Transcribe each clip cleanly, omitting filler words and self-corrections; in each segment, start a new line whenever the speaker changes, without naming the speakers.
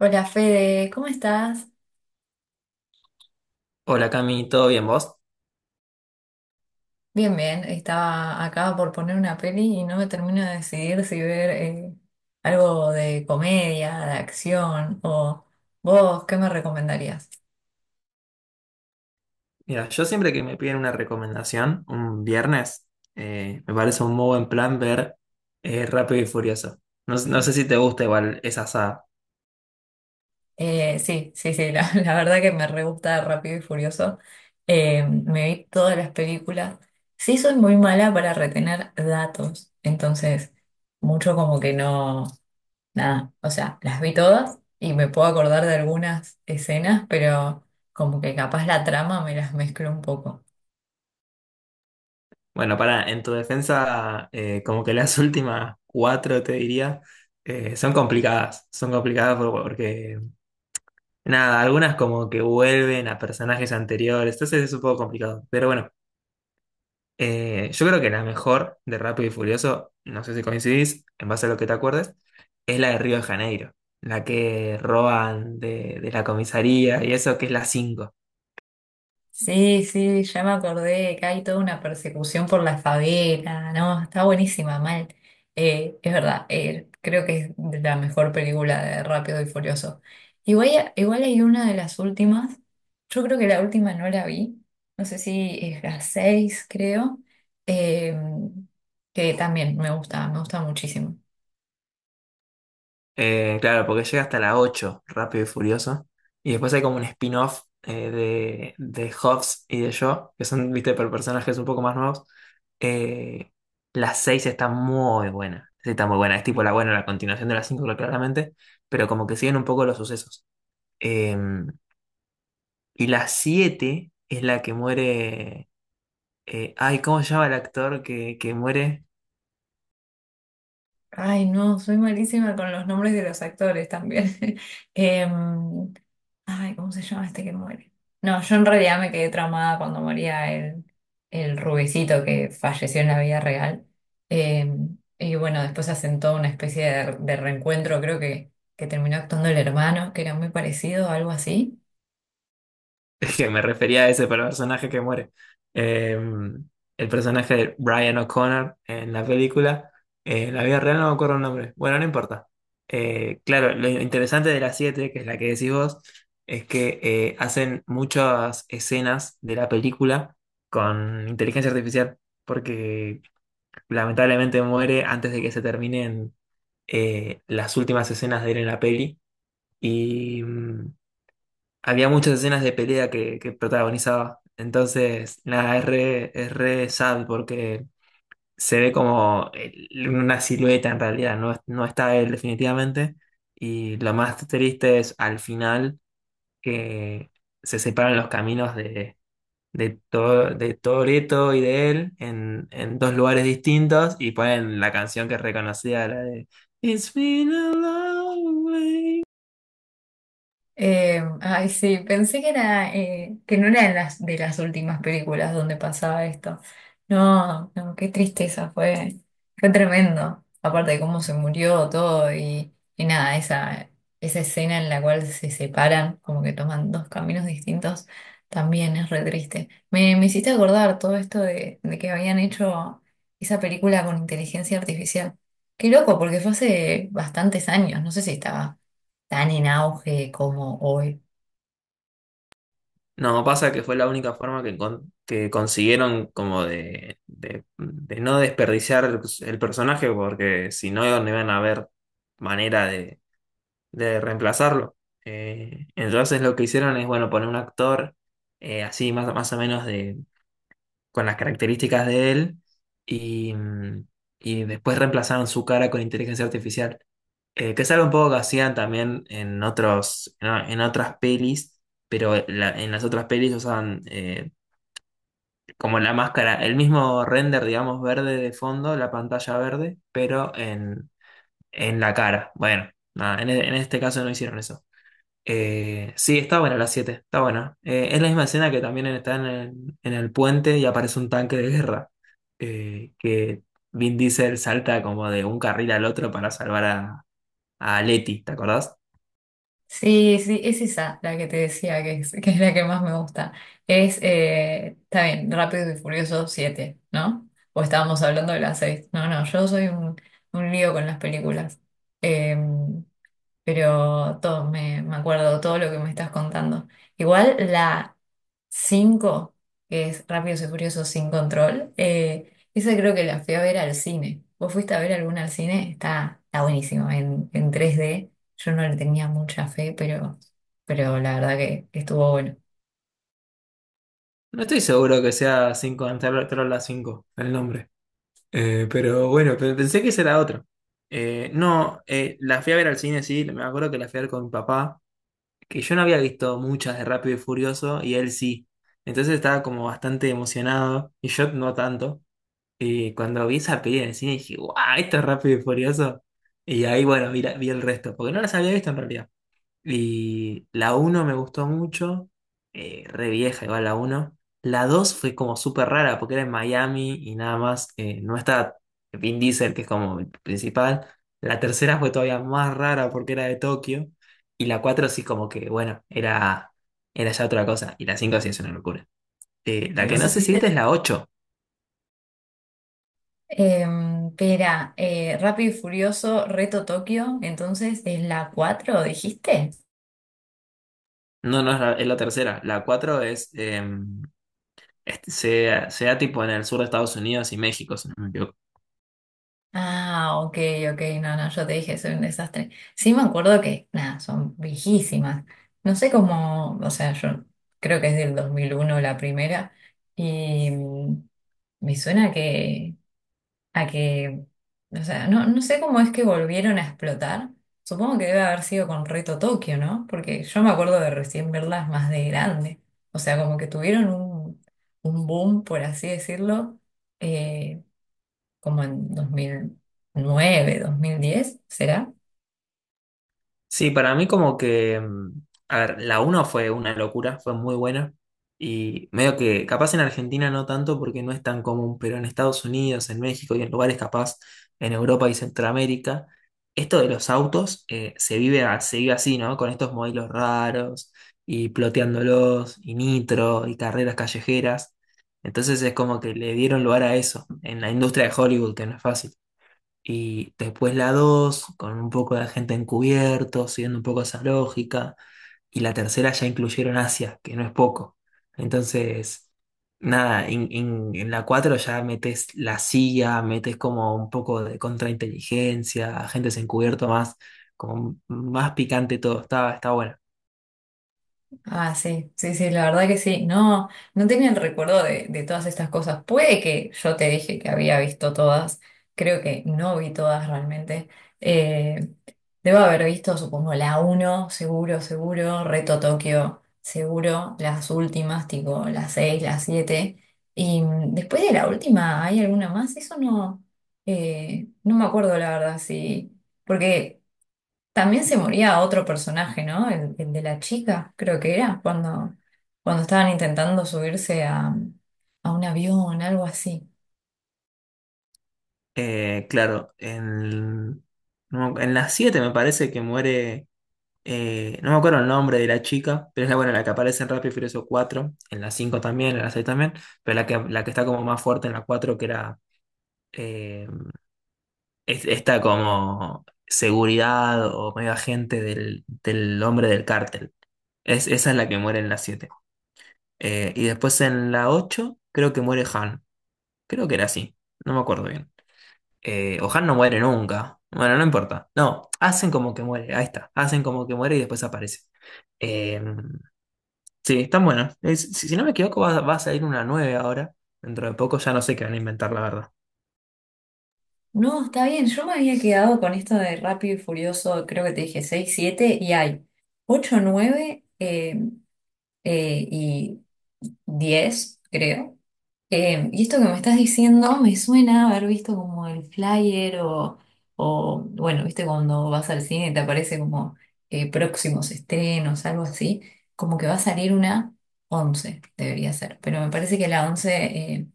Hola Fede, ¿cómo estás?
Hola Cami, ¿todo bien vos?
Bien, bien. Estaba acá por poner una peli y no me termino de decidir si ver algo de comedia, de acción o vos, ¿qué me recomendarías?
Mira, yo siempre que me piden una recomendación, un viernes, me parece un muy buen plan ver Rápido y Furioso. No, no sé si te gusta igual esa saga.
Sí, sí, sí, la verdad que me re gusta Rápido y Furioso. Me vi todas las películas. Sí, soy muy mala para retener datos, entonces mucho como que no. Nada, o sea, las vi todas y me puedo acordar de algunas escenas, pero como que capaz la trama me las mezclo un poco.
Bueno, para en tu defensa, como que las últimas cuatro, te diría, son complicadas. Son complicadas porque, nada, algunas como que vuelven a personajes anteriores, entonces es un poco complicado. Pero bueno, yo creo que la mejor de Rápido y Furioso, no sé si coincidís, en base a lo que te acuerdes, es la de Río de Janeiro, la que roban de la comisaría y eso que es la cinco.
Sí, sí, ya me acordé que hay toda una persecución por la favela, no, está buenísima, mal. Es verdad, creo que es de la mejor película de Rápido y Furioso. Igual, igual hay una de las últimas, yo creo que la última no la vi, no sé si es la seis, creo, eh, que también me gusta muchísimo.
Claro, porque llega hasta la 8 Rápido y Furioso. Y después hay como un spin-off de Hobbs y de Shaw, que son, viste, por personajes un poco más nuevos. Eh, la 6 está muy buena, sí, está muy buena, es tipo la buena, la continuación de la cinco, claro, claramente, pero como que siguen un poco los sucesos. Eh, Y la 7 es la que muere. Ay, ¿cómo se llama el actor que muere?
Ay, no, soy malísima con los nombres de los actores también. Em, ay, ¿cómo se llama este que muere? No, yo en realidad me quedé traumada cuando moría el rubicito que falleció en la vida real. Y bueno, después se asentó una especie de reencuentro, creo que terminó actuando el hermano, que era muy parecido, algo así.
Es que me refería a ese personaje que muere. Eh, el personaje de Brian O'Connor en la película. En la vida real no me acuerdo el nombre. Bueno, no importa. Claro, lo interesante de la siete, que es la que decís vos, es que hacen muchas escenas de la película con inteligencia artificial. Porque lamentablemente muere antes de que se terminen las últimas escenas de él en la peli. Y había muchas escenas de pelea que protagonizaba. Entonces, nada, es re sad porque se ve como una silueta en realidad, no, no está él definitivamente. Y lo más triste es al final que se separan los caminos de Toretto y de él en dos lugares distintos y ponen la canción que es reconocida, la de It's been a long way.
Ay, sí, pensé que era, que no era de las últimas películas donde pasaba esto. No, no, qué tristeza, fue tremendo. Aparte de cómo se murió todo y nada, esa escena en la cual se separan, como que toman dos caminos distintos, también es re triste. Me hiciste acordar todo esto de que habían hecho esa película con inteligencia artificial. Qué loco, porque fue hace bastantes años, no sé si estaba tan en auge como hoy.
No, pasa que fue la única forma que consiguieron como de no desperdiciar el personaje porque si no, no iban a haber manera de reemplazarlo. Entonces lo que hicieron es, bueno, poner un actor así más o menos con las características de él y, mm, y después reemplazaron su cara con inteligencia artificial, que es algo un poco que hacían también en otros, en otras pelis, pero en las otras pelis usaban como la máscara, el mismo render, digamos, verde de fondo, la pantalla verde, pero en la cara. Bueno, nada, en este caso no hicieron eso. Sí, está buena la siete, está buena. Es la misma escena que también está en el puente y aparece un tanque de guerra, que Vin Diesel salta como de un carril al otro para salvar a Letty, ¿te acordás?
Sí, sí, es esa la que te decía que es, que es la que más me gusta. Está bien, Rápido y Furioso siete, ¿no? O estábamos hablando de las seis. No, no, yo soy un lío con las películas. Eh, pero todo, me acuerdo todo lo que me estás contando. Igual la 5 que es Rápidos y Furiosos sin control, esa creo que la fui a ver al cine. ¿Vos fuiste a ver alguna al cine? Está buenísimo, en 3D. Yo no le tenía mucha fe, pero la verdad que estuvo bueno.
No estoy seguro que sea 5 Troll la 5 el nombre. Pero bueno, pensé que ese era otro. No, la fui a ver al cine, sí, me acuerdo que la fui a ver con mi papá, que yo no había visto muchas de Rápido y Furioso y él sí. Entonces estaba como bastante emocionado y yo no tanto. Y cuando vi esa peli en el cine dije, ¡guau! Esto es Rápido y Furioso. Y ahí, bueno, vi el resto, porque no las había visto en realidad. Y la uno me gustó mucho, re vieja igual la uno. La 2 fue como súper rara porque era en Miami y nada más, no está Vin Diesel, que es como el principal. La tercera fue todavía más rara porque era de Tokio. Y la 4 sí como que, bueno, era ya otra cosa. Y la 5 sí es una locura. La que no sé si viste es la ocho.
Pera, Rápido y Furioso, Reto Tokio, entonces es la 4, dijiste.
No, no es es la tercera. La 4 es, sea tipo en el sur de Estados Unidos y México, si no me equivoco.
Ah, ok, ok, no, no, yo te dije, soy un desastre. Sí me acuerdo que, nada, son viejísimas. No sé cómo, o sea, yo creo que es del 2001 la primera y me suena que, a que, o sea, no, no sé cómo es que volvieron a explotar. Supongo que debe haber sido con Reto Tokio, ¿no? Porque yo me acuerdo de recién verlas más de grande. O sea, como que tuvieron un boom, por así decirlo, eh, como en 2009, 2010, ¿será?
Sí, para mí como que, a ver, la uno fue una locura, fue muy buena. Y medio que, capaz en Argentina no tanto porque no es tan común, pero en Estados Unidos, en México y en lugares capaz, en Europa y Centroamérica, esto de los autos se vive, se vive así, ¿no? Con estos modelos raros y ploteándolos, y nitro, y carreras callejeras. Entonces es como que le dieron lugar a eso en la industria de Hollywood, que no es fácil. Y después la 2 con un poco de gente encubierto, siguiendo un poco esa lógica. Y la tercera ya incluyeron Asia, que no es poco. Entonces, nada, en la 4 ya metes la CIA, metes como un poco de contrainteligencia, agentes encubiertos más, como más picante todo. Está bueno.
Ah, sí, sí, sí, la verdad que sí. No, no tenía el recuerdo de todas estas cosas. Puede que yo te dije que había visto todas, creo que no vi todas realmente. Eh, debo haber visto, supongo, la uno, seguro, seguro, Reto Tokio, seguro, las últimas, tipo las 6, las 7. Y después de la última, ¿hay alguna más? Eso no, no me acuerdo la verdad, sí. Porque también se moría otro personaje, ¿no? El de la chica, creo que era, cuando estaban intentando subirse a un avión, algo así.
Claro, no, en la 7 me parece que muere. No me acuerdo el nombre de la chica, pero es la, bueno, la que aparece en Rápido y Furioso cuatro, en la 5 también, en la 6 también, pero la que está como más fuerte en la cuatro, que era eh, esta como seguridad o medio agente del hombre del cártel. Esa es la que muere en la siete. Y después en la 8 creo que muere Han. Creo que era así. No me acuerdo bien. O Han no muere nunca. Bueno, no importa. No, hacen como que muere. Ahí está. Hacen como que muere y después aparece. Eh, Sí, están buenas. Si no me equivoco, va a salir una 9 ahora. Dentro de poco ya no sé qué van a inventar, la verdad.
No, está bien, yo me había quedado con esto de Rápido y Furioso, creo que te dije 6 7 y hay 8 9 y 10 creo. Y esto que me estás diciendo me suena a haber visto como el flyer bueno, viste cuando vas al cine y te aparece como próximos estrenos, algo así, como que va a salir una 11 debería ser, pero me parece que la 11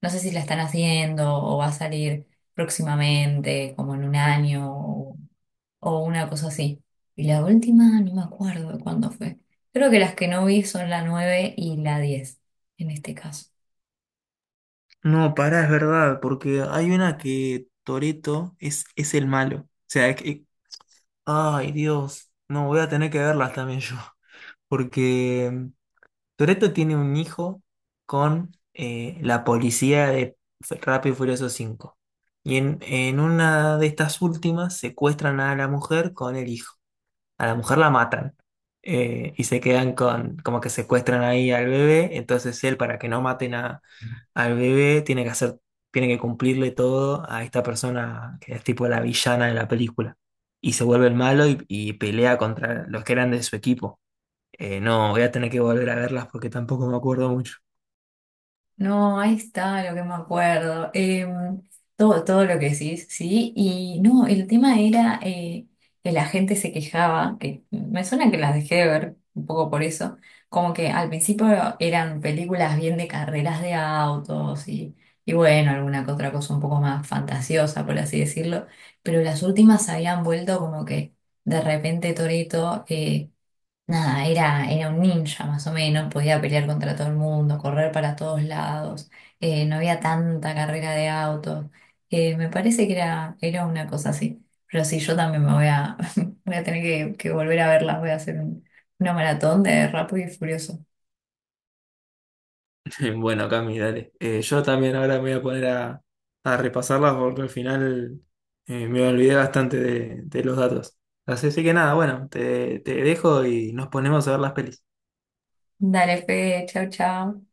no sé si la están haciendo o va a salir próximamente, como en un año o una cosa así. Y la última no me acuerdo de cuándo fue. Creo que las que no vi son la 9 y la 10 en este caso.
No, pará, es verdad, porque hay una que Toretto es el malo. O sea, ay, Dios, no, voy a tener que verlas también yo. Porque Toretto tiene un hijo con la policía de Rápido y Furioso cinco. Y en una de estas últimas secuestran a la mujer con el hijo. A la mujer la matan, y se quedan como que secuestran ahí al bebé, entonces él, para que no maten al bebé, tiene que cumplirle todo a esta persona que es tipo la villana de la película. Y se vuelve el malo y pelea contra los que eran de su equipo. No, voy a tener que volver a verlas porque tampoco me acuerdo mucho.
No, ahí está lo que me acuerdo. Todo lo que decís, sí. Y no, el tema era que la gente se quejaba, que me suena que las dejé de ver un poco por eso, como que al principio eran películas bien de carreras de autos y bueno, alguna que otra cosa un poco más fantasiosa, por así decirlo, pero las últimas habían vuelto como que de repente Torito, nada, era un ninja más o menos, podía pelear contra todo el mundo, correr para todos lados, no había tanta carrera de autos. Me parece que era, una cosa así. Pero sí, yo también voy a tener que volver a verla, voy a hacer una maratón de Rápido y Furioso.
Bueno, Cami, dale. Yo también ahora me voy a poner a repasarlas porque al final me olvidé bastante de los datos. Así que nada, bueno, te dejo y nos ponemos a ver las pelis.
Dale, fe, chau, chau.